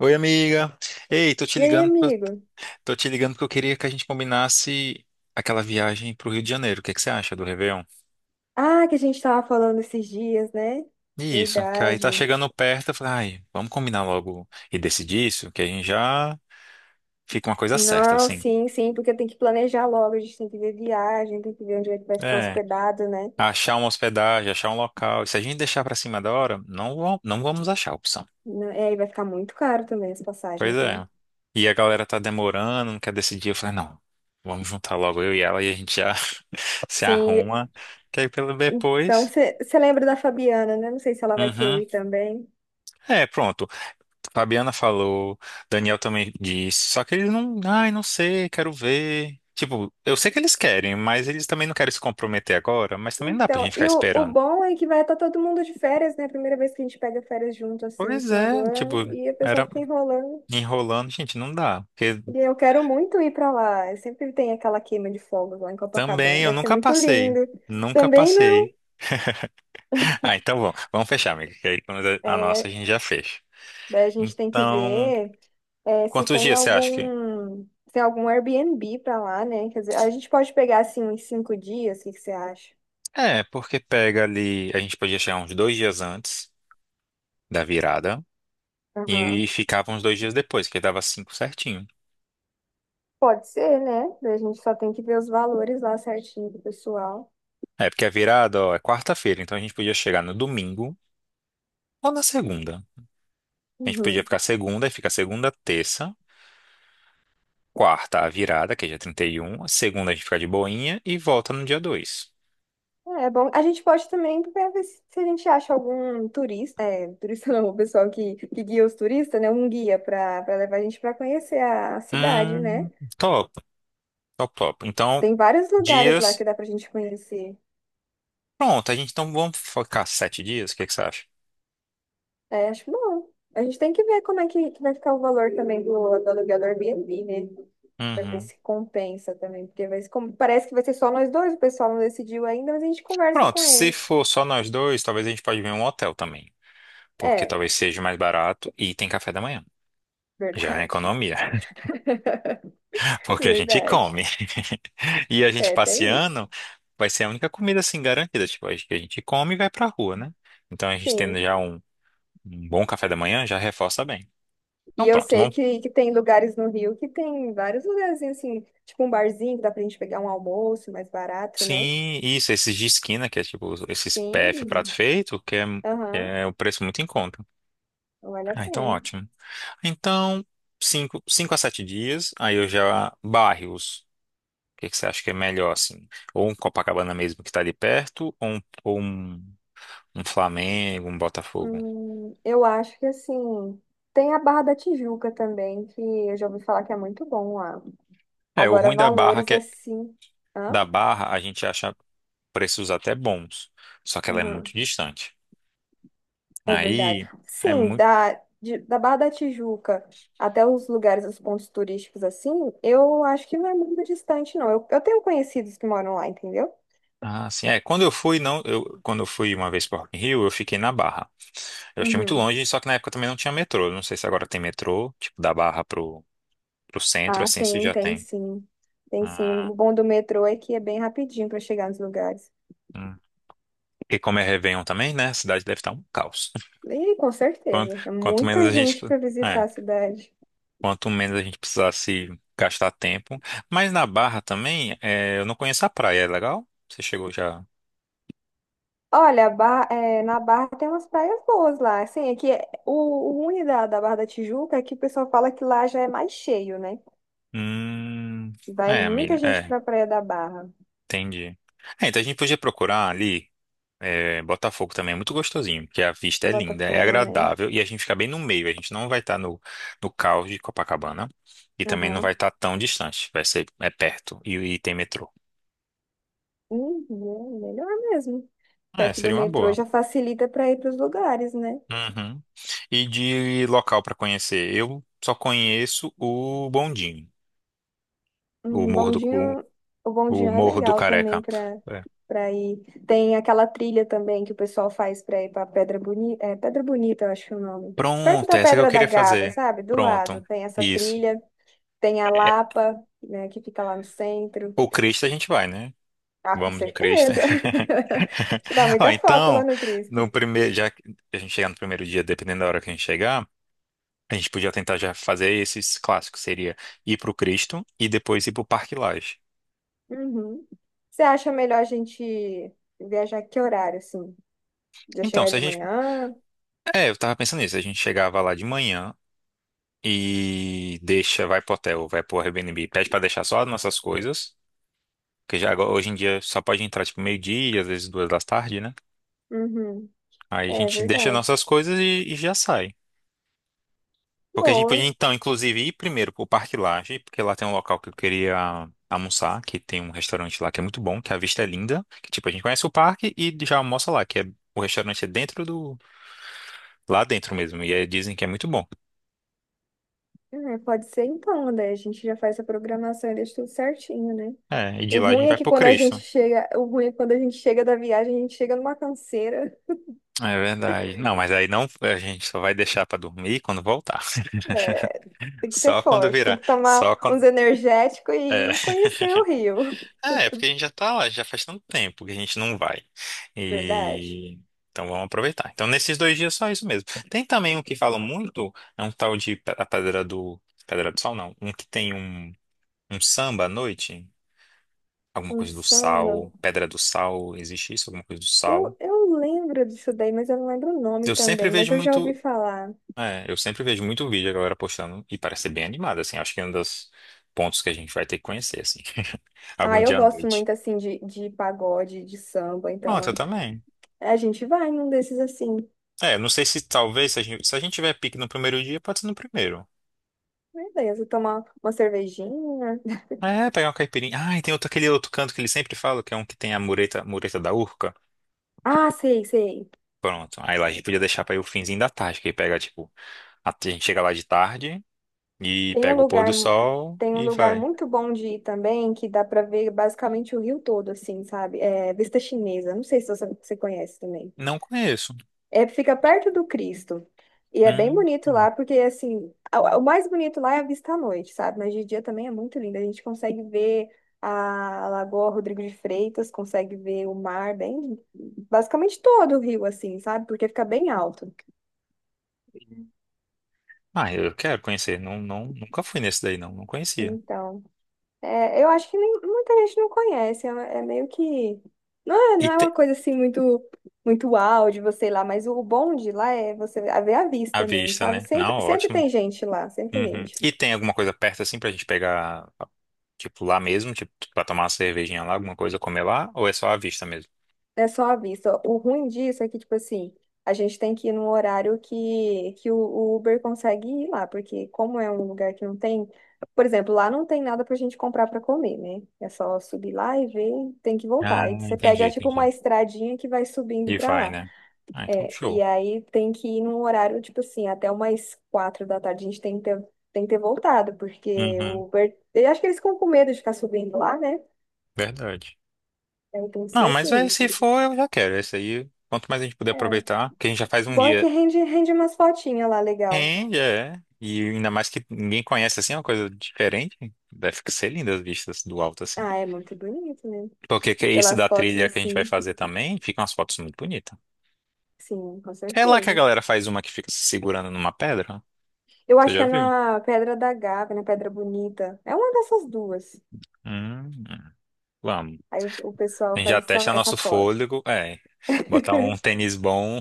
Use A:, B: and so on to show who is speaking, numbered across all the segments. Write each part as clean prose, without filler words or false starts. A: Oi, amiga. Ei, tô te
B: E aí,
A: ligando,
B: amigo?
A: tô te ligando porque eu queria que a gente combinasse aquela viagem pro Rio de Janeiro. O que é que você acha do Réveillon?
B: Ah, que a gente tava falando esses dias, né?
A: Isso, que aí tá
B: Verdade.
A: chegando perto, eu falei, ai, vamos combinar logo e decidir isso, que a gente já fica uma coisa certa,
B: Não,
A: assim.
B: sim, sim, porque tem que planejar logo, a gente tem que ver viagem, tem que ver onde é que vai ficar
A: É,
B: hospedado, né?
A: achar uma hospedagem, achar um local. E se a gente deixar pra cima da hora, não, não vamos achar a opção.
B: É, e vai ficar muito caro também as
A: Pois
B: passagens, né?
A: é. E a galera tá demorando, não quer decidir. Eu falei, não, vamos juntar logo eu e ela e a gente já se
B: Sim,
A: arruma, que aí pelo
B: então
A: depois.
B: você lembra da Fabiana, né? Não sei se ela vai querer
A: Uhum.
B: ir também.
A: É, pronto. Fabiana falou, Daniel também disse, só que eles não, ai, não sei, quero ver. Tipo, eu sei que eles querem, mas eles também não querem se comprometer agora, mas também não dá pra gente
B: Então,
A: ficar
B: e o
A: esperando.
B: bom é que vai estar todo mundo de férias, né? Primeira vez que a gente pega férias junto, assim, no
A: Pois
B: final do
A: é, tipo,
B: ano, e a pessoa
A: era
B: fica enrolando.
A: enrolando, gente, não dá. Porque
B: E eu quero muito ir para lá. Eu sempre tem aquela queima de fogos lá em Copacabana.
A: também eu
B: Deve ser
A: nunca
B: muito
A: passei,
B: lindo.
A: nunca
B: Também não.
A: passei. Ah, então bom, vamos fechar, amiga, que aí pelo menos
B: É,
A: a gente já fecha.
B: daí a gente tem que
A: Então,
B: ver se
A: quantos
B: tem
A: dias você acha que?
B: algum se tem algum Airbnb para lá, né? Quer dizer, a gente pode pegar assim uns 5 dias. O que que você acha?
A: É, porque pega ali, a gente podia chegar uns dois dias antes da virada.
B: Aham.
A: E ficava uns dois dias depois, que aí dava cinco certinho.
B: Pode ser, né? Daí a gente só tem que ver os valores lá certinho do pessoal.
A: É, porque a virada, ó, é quarta-feira, então a gente podia chegar no domingo ou na segunda. A gente podia
B: Uhum.
A: ficar segunda, e fica segunda, terça, quarta, a virada, que é dia trinta e um, segunda a gente fica de boinha e volta no dia dois.
B: É bom. A gente pode também ver se a gente acha algum turista, turista não, o pessoal que guia os turistas, né? Um guia para levar a gente para conhecer a cidade, né?
A: Hum, top, top, top. Então,
B: Tem vários lugares lá que
A: dias,
B: dá pra gente conhecer.
A: pronto, a gente vamos focar sete dias, o que que você acha?
B: É, acho bom. A gente tem que ver como é que vai ficar o valor também do aluguel do Airbnb, né? Pra ver
A: Uhum.
B: se compensa também. Porque vai, como, parece que vai ser só nós dois, o pessoal não decidiu ainda, mas a gente conversa
A: Pronto,
B: com
A: se
B: eles.
A: for só nós dois, talvez a gente pode ver um hotel também, porque
B: É,
A: talvez seja mais barato e tem café da manhã. Já é
B: verdade.
A: economia. O que a gente
B: Verdade.
A: come. E a gente
B: É, tem isso.
A: passeando vai ser a única comida assim garantida. Tipo, a gente come e vai pra rua, né? Então a gente tendo
B: Sim.
A: já um bom café da manhã já reforça bem. Então
B: E eu
A: pronto,
B: sei
A: vamos.
B: que tem lugares no Rio que tem vários lugarzinhos assim, tipo um barzinho que dá pra gente pegar um almoço mais barato, né?
A: Sim, isso, esses de esquina, que é tipo esses PF, prato
B: Sim,
A: feito, que
B: aham,
A: é o preço muito em conta.
B: vale a
A: Ah, então
B: pena.
A: ótimo. Então, cinco, cinco a sete dias, aí eu já bairros. O que que você acha que é melhor, assim? Ou um Copacabana mesmo que tá ali perto, um Flamengo, um Botafogo.
B: Eu acho que assim, tem a Barra da Tijuca também, que eu já ouvi falar que é muito bom lá.
A: É, o
B: Agora,
A: ruim da Barra
B: valores
A: que é,
B: assim. Hã?
A: da Barra a gente acha preços até bons, só que ela é
B: Uhum.
A: muito distante.
B: É verdade.
A: Aí é
B: Sim,
A: muito
B: da Barra da Tijuca até os lugares, os pontos turísticos assim, eu acho que não é muito distante, não. Eu tenho conhecidos que moram lá, entendeu?
A: ah, assim, é, quando eu fui não, eu quando eu fui uma vez para Rock in Rio, eu fiquei na Barra. Eu achei muito
B: Uhum.
A: longe, só que na época também não tinha metrô. Não sei se agora tem metrô, tipo da Barra pro pro centro
B: Ah,
A: assim, se
B: tem,
A: já
B: tem
A: tem.
B: sim. Tem sim.
A: Ah,
B: O bom do metrô é que é bem rapidinho para chegar nos lugares.
A: hum. E como é Réveillon também, né? A cidade deve estar um caos.
B: E com certeza, é
A: Quanto menos
B: muita
A: a gente.
B: gente para visitar
A: é
B: a cidade.
A: Quanto menos a gente precisasse gastar tempo. Mas na Barra também, é, eu não conheço a praia, é legal? Você chegou já?
B: Olha, a Barra- é, na Barra tem umas praias boas lá. Assim, é que é, o ruim da Barra da Tijuca é que o pessoal fala que lá já é mais cheio, né?
A: Hum,
B: Vai
A: é,
B: muita
A: amiga,
B: gente
A: é,
B: pra Praia da Barra,
A: entendi. É, então a gente podia procurar ali, é, Botafogo também é muito gostosinho, porque a vista é linda, é
B: Botafogo, né?
A: agradável e a gente fica bem no meio, a gente não vai estar no caos de Copacabana e também não vai
B: Aham.
A: estar tão distante, é perto e tem metrô.
B: Uhum, melhor mesmo.
A: É,
B: Perto do
A: seria uma
B: metrô
A: boa.
B: já facilita para ir para os lugares, né?
A: Uhum. E de local para conhecer? Eu só conheço o Bondinho, o
B: Um
A: Morro do, o,
B: bondinho, o
A: o
B: bondinho é
A: Morro do
B: legal também
A: Careca.
B: para
A: É.
B: para ir. Tem aquela trilha também que o pessoal faz para ir para Pedra Bonita, é Pedra Bonita, eu acho o nome. Perto
A: Pronto,
B: da
A: essa que eu
B: Pedra da
A: queria
B: Gávea,
A: fazer.
B: sabe? Do
A: Pronto,
B: lado tem essa
A: isso.
B: trilha, tem a
A: É,
B: Lapa, né, que fica lá no centro.
A: o Cristo a gente vai, né?
B: Ah, com
A: Vamos no Cristo.
B: certeza. Tirar
A: Ó,
B: muita foto lá
A: então,
B: no Cristo.
A: no primeiro, já que a gente chegar no primeiro dia, dependendo da hora que a gente chegar, a gente podia tentar já fazer esses clássicos. Seria ir pro Cristo e depois ir pro Parque Lage.
B: Uhum. Você acha melhor a gente viajar que horário, assim? Já
A: Então,
B: chegar
A: se a
B: de
A: gente.
B: manhã?
A: É, eu tava pensando nisso. A gente chegava lá de manhã, e deixa, vai pro hotel, vai pro Airbnb, pede pra deixar só as nossas coisas, que hoje em dia só pode entrar tipo meio-dia, às vezes duas da tarde, né?
B: Uhum.
A: Aí a
B: É
A: gente deixa
B: verdade.
A: nossas coisas e já sai. Porque a gente podia
B: Boa.
A: então, inclusive, ir primeiro pro Parque Lage, porque lá tem um local que eu queria almoçar, que tem um restaurante lá que é muito bom, que a vista é linda, que tipo a gente conhece o parque e já almoça lá, que é o restaurante é dentro do lá dentro mesmo, e aí dizem que é muito bom.
B: É, pode ser então, né? A gente já faz a programação e deixa tudo certinho, né?
A: É, e de
B: O
A: lá a
B: ruim
A: gente
B: é
A: vai
B: que
A: pro
B: quando a gente
A: Cristo.
B: chega, o ruim é que quando a gente chega da viagem, a gente chega numa canseira.
A: É verdade. Não, mas aí não, a gente só vai deixar pra dormir quando voltar.
B: É, tem que ser
A: Só quando
B: forte, tem
A: virar.
B: que tomar
A: Só
B: uns
A: quando.
B: energéticos
A: É,
B: e conhecer o Rio.
A: é porque a gente já tá lá, já faz tanto tempo que a gente não vai.
B: Verdade.
A: E então vamos aproveitar. Então nesses dois dias só isso mesmo. Tem também um que falam muito, é um tal de a Pedra do Sal, não, um que tem um samba à noite, alguma
B: Um
A: coisa do
B: samba.
A: sal, Pedra do Sal, existe isso, alguma coisa do sal.
B: Eu lembro disso daí, mas eu não lembro o nome
A: Eu sempre
B: também, mas
A: vejo
B: eu já ouvi
A: muito
B: falar.
A: É, eu sempre vejo muito vídeo a galera postando e parece ser bem animado, assim. Acho que é um dos pontos que a gente vai ter que conhecer, assim.
B: Ah,
A: Algum
B: eu
A: dia à
B: gosto
A: noite.
B: muito assim de pagode, de samba,
A: Pronto, eu
B: então
A: também.
B: é, a gente vai num desses assim.
A: É, não sei se talvez, se a gente tiver pique no primeiro dia, pode ser no primeiro.
B: Né? Beleza, tomar uma cervejinha.
A: É, pegar uma caipirinha. Ah, e tem outro, aquele outro canto que ele sempre fala, que é um que tem a mureta, mureta da Urca.
B: Ah, sei, sei.
A: Pronto. Aí lá a gente podia deixar pra ir o finzinho da tarde, que aí pega, tipo, a gente chega lá de tarde e
B: Tem um
A: pega o pôr
B: lugar,
A: do sol
B: tem um
A: e
B: lugar
A: vai.
B: muito bom de ir também, que dá pra ver basicamente o Rio todo, assim, sabe? É Vista Chinesa. Não sei se você conhece também.
A: Não conheço.
B: É, fica perto do Cristo. E é bem
A: Hum,
B: bonito
A: hum.
B: lá, porque assim, a- o mais bonito lá é a vista à noite, sabe? Mas de dia também é muito lindo. A gente consegue ver a Lagoa Rodrigo de Freitas, consegue ver o mar bem, basicamente todo o rio, assim, sabe? Porque fica bem alto.
A: Ah, eu quero conhecer. Não, não, nunca fui nesse daí, não. Não conhecia.
B: Então, é, eu acho que nem- muita gente não conhece. É, é meio que. Não é,
A: E
B: não é
A: tem...
B: uma coisa assim muito, muito uau de você ir lá, mas o bom de lá é você é ver a
A: A
B: vista mesmo,
A: vista,
B: sabe?
A: né? Não,
B: Sempre, sempre
A: ótimo.
B: tem gente lá, sempre tem
A: Uhum.
B: gente.
A: E tem alguma coisa perto assim pra gente pegar, tipo, lá mesmo? Tipo, pra tomar uma cervejinha lá, alguma coisa comer lá? Ou é só a vista mesmo?
B: É só à vista. O ruim disso é que, tipo assim, a gente tem que ir num horário que o Uber consegue ir lá, porque como é um lugar que não tem, por exemplo, lá não tem nada pra gente comprar pra comer, né? É só subir lá e ver, tem que
A: Ah,
B: voltar. E você
A: entendi,
B: pega, tipo, uma
A: entendi.
B: estradinha que vai subindo
A: E
B: pra
A: vai,
B: lá.
A: né? Ah, então
B: É, e
A: show.
B: aí tem que ir num horário, tipo assim, até umas 4 da tarde a gente tem que ter, voltado, porque
A: Uhum.
B: o Uber. Eu acho que eles ficam com medo de ficar subindo lá, né?
A: Verdade.
B: Então, tem que ser
A: Não, mas aí,
B: assim.
A: se for, eu já quero. Esse aí, quanto mais a gente puder
B: É,
A: aproveitar, que a gente já faz um
B: bom é que
A: dia.
B: rende, rende umas fotinhas lá, legal.
A: É, já é. E ainda mais que ninguém conhece assim, é uma coisa diferente. Deve ser linda as vistas do alto assim.
B: Ah, é muito bonito, né?
A: Esse
B: Pelas
A: da
B: fotos
A: trilha que a gente vai
B: assim,
A: fazer também, fica umas fotos muito bonitas.
B: sim, com
A: É lá que a
B: certeza.
A: galera faz uma que fica se segurando numa pedra?
B: Eu
A: Você
B: acho que
A: já
B: é
A: viu?
B: na Pedra da Gávea, na Pedra Bonita. É uma dessas duas.
A: Hum, vamos.
B: Aí o
A: A
B: pessoal
A: gente
B: faz
A: já
B: essa,
A: testa
B: essa
A: nosso
B: foto.
A: fôlego. É, botar um tênis bom,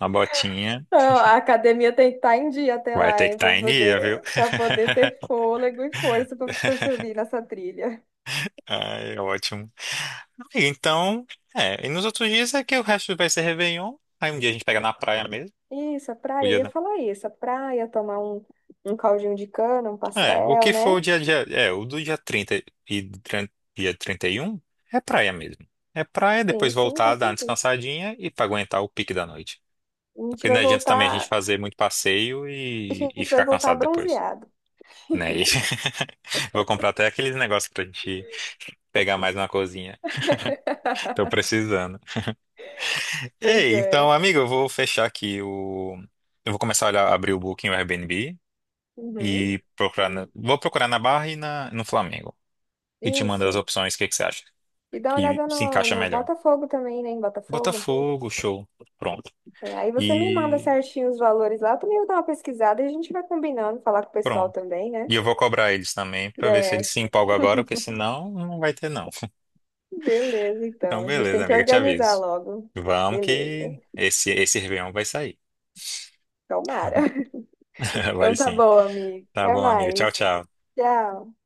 A: uma botinha.
B: Ah, a academia tem que estar em dia até
A: Vai
B: lá,
A: ter que
B: hein,
A: estar em dia, viu?
B: para poder ter fôlego e força para subir nessa trilha.
A: Ai, é ótimo. E então, é. E nos outros dias é que o resto vai ser Réveillon. Aí um dia a gente pega na praia mesmo.
B: Isso, a
A: o
B: praia, eu
A: dia
B: ia
A: da-
B: falar isso, a praia, tomar um caldinho de cana, um
A: É, o
B: pastel,
A: que for
B: né?
A: o dia, é, o do dia 30 e trin- dia 31 é praia mesmo. É praia,
B: Sim,
A: depois
B: sim, com
A: voltar, dar uma
B: certeza.
A: descansadinha e pra aguentar o pique da noite.
B: A gente
A: Porque não
B: vai
A: adianta também a gente
B: voltar.
A: fazer muito passeio
B: A
A: e
B: gente vai
A: ficar
B: voltar
A: cansado depois,
B: bronzeado.
A: né? E- Vou comprar até aqueles negócios pra gente pegar mais uma coisinha. Tô precisando.
B: Pois
A: Ei, então,
B: é.
A: amigo, eu vou fechar aqui o... Eu vou começar a olhar, abrir o Booking, o Airbnb
B: Uhum.
A: e procurar... Vou procurar na Barra e na... no Flamengo. E te mando as
B: Isso.
A: opções, o que que você acha
B: E dá uma
A: que
B: olhada
A: se
B: no,
A: encaixa
B: no
A: melhor?
B: Botafogo também, né? Em Botafogo.
A: Botafogo, show. Pronto.
B: É, aí você me manda
A: E
B: certinho os valores lá, eu também vou dar uma pesquisada e a gente vai combinando, falar com o pessoal
A: pronto.
B: também, né?
A: E eu vou cobrar eles também pra ver se eles
B: É,
A: se empolgam agora, porque senão não vai ter não.
B: beleza, então.
A: Então
B: A gente tem
A: beleza,
B: que
A: amiga, te
B: organizar
A: aviso.
B: logo.
A: Vamos
B: Beleza.
A: que esse Réveillon vai sair.
B: Tomara. Então
A: Vai
B: tá
A: sim.
B: bom, amigo.
A: Tá
B: Até
A: bom, amiga. Tchau,
B: mais.
A: tchau.
B: Tchau.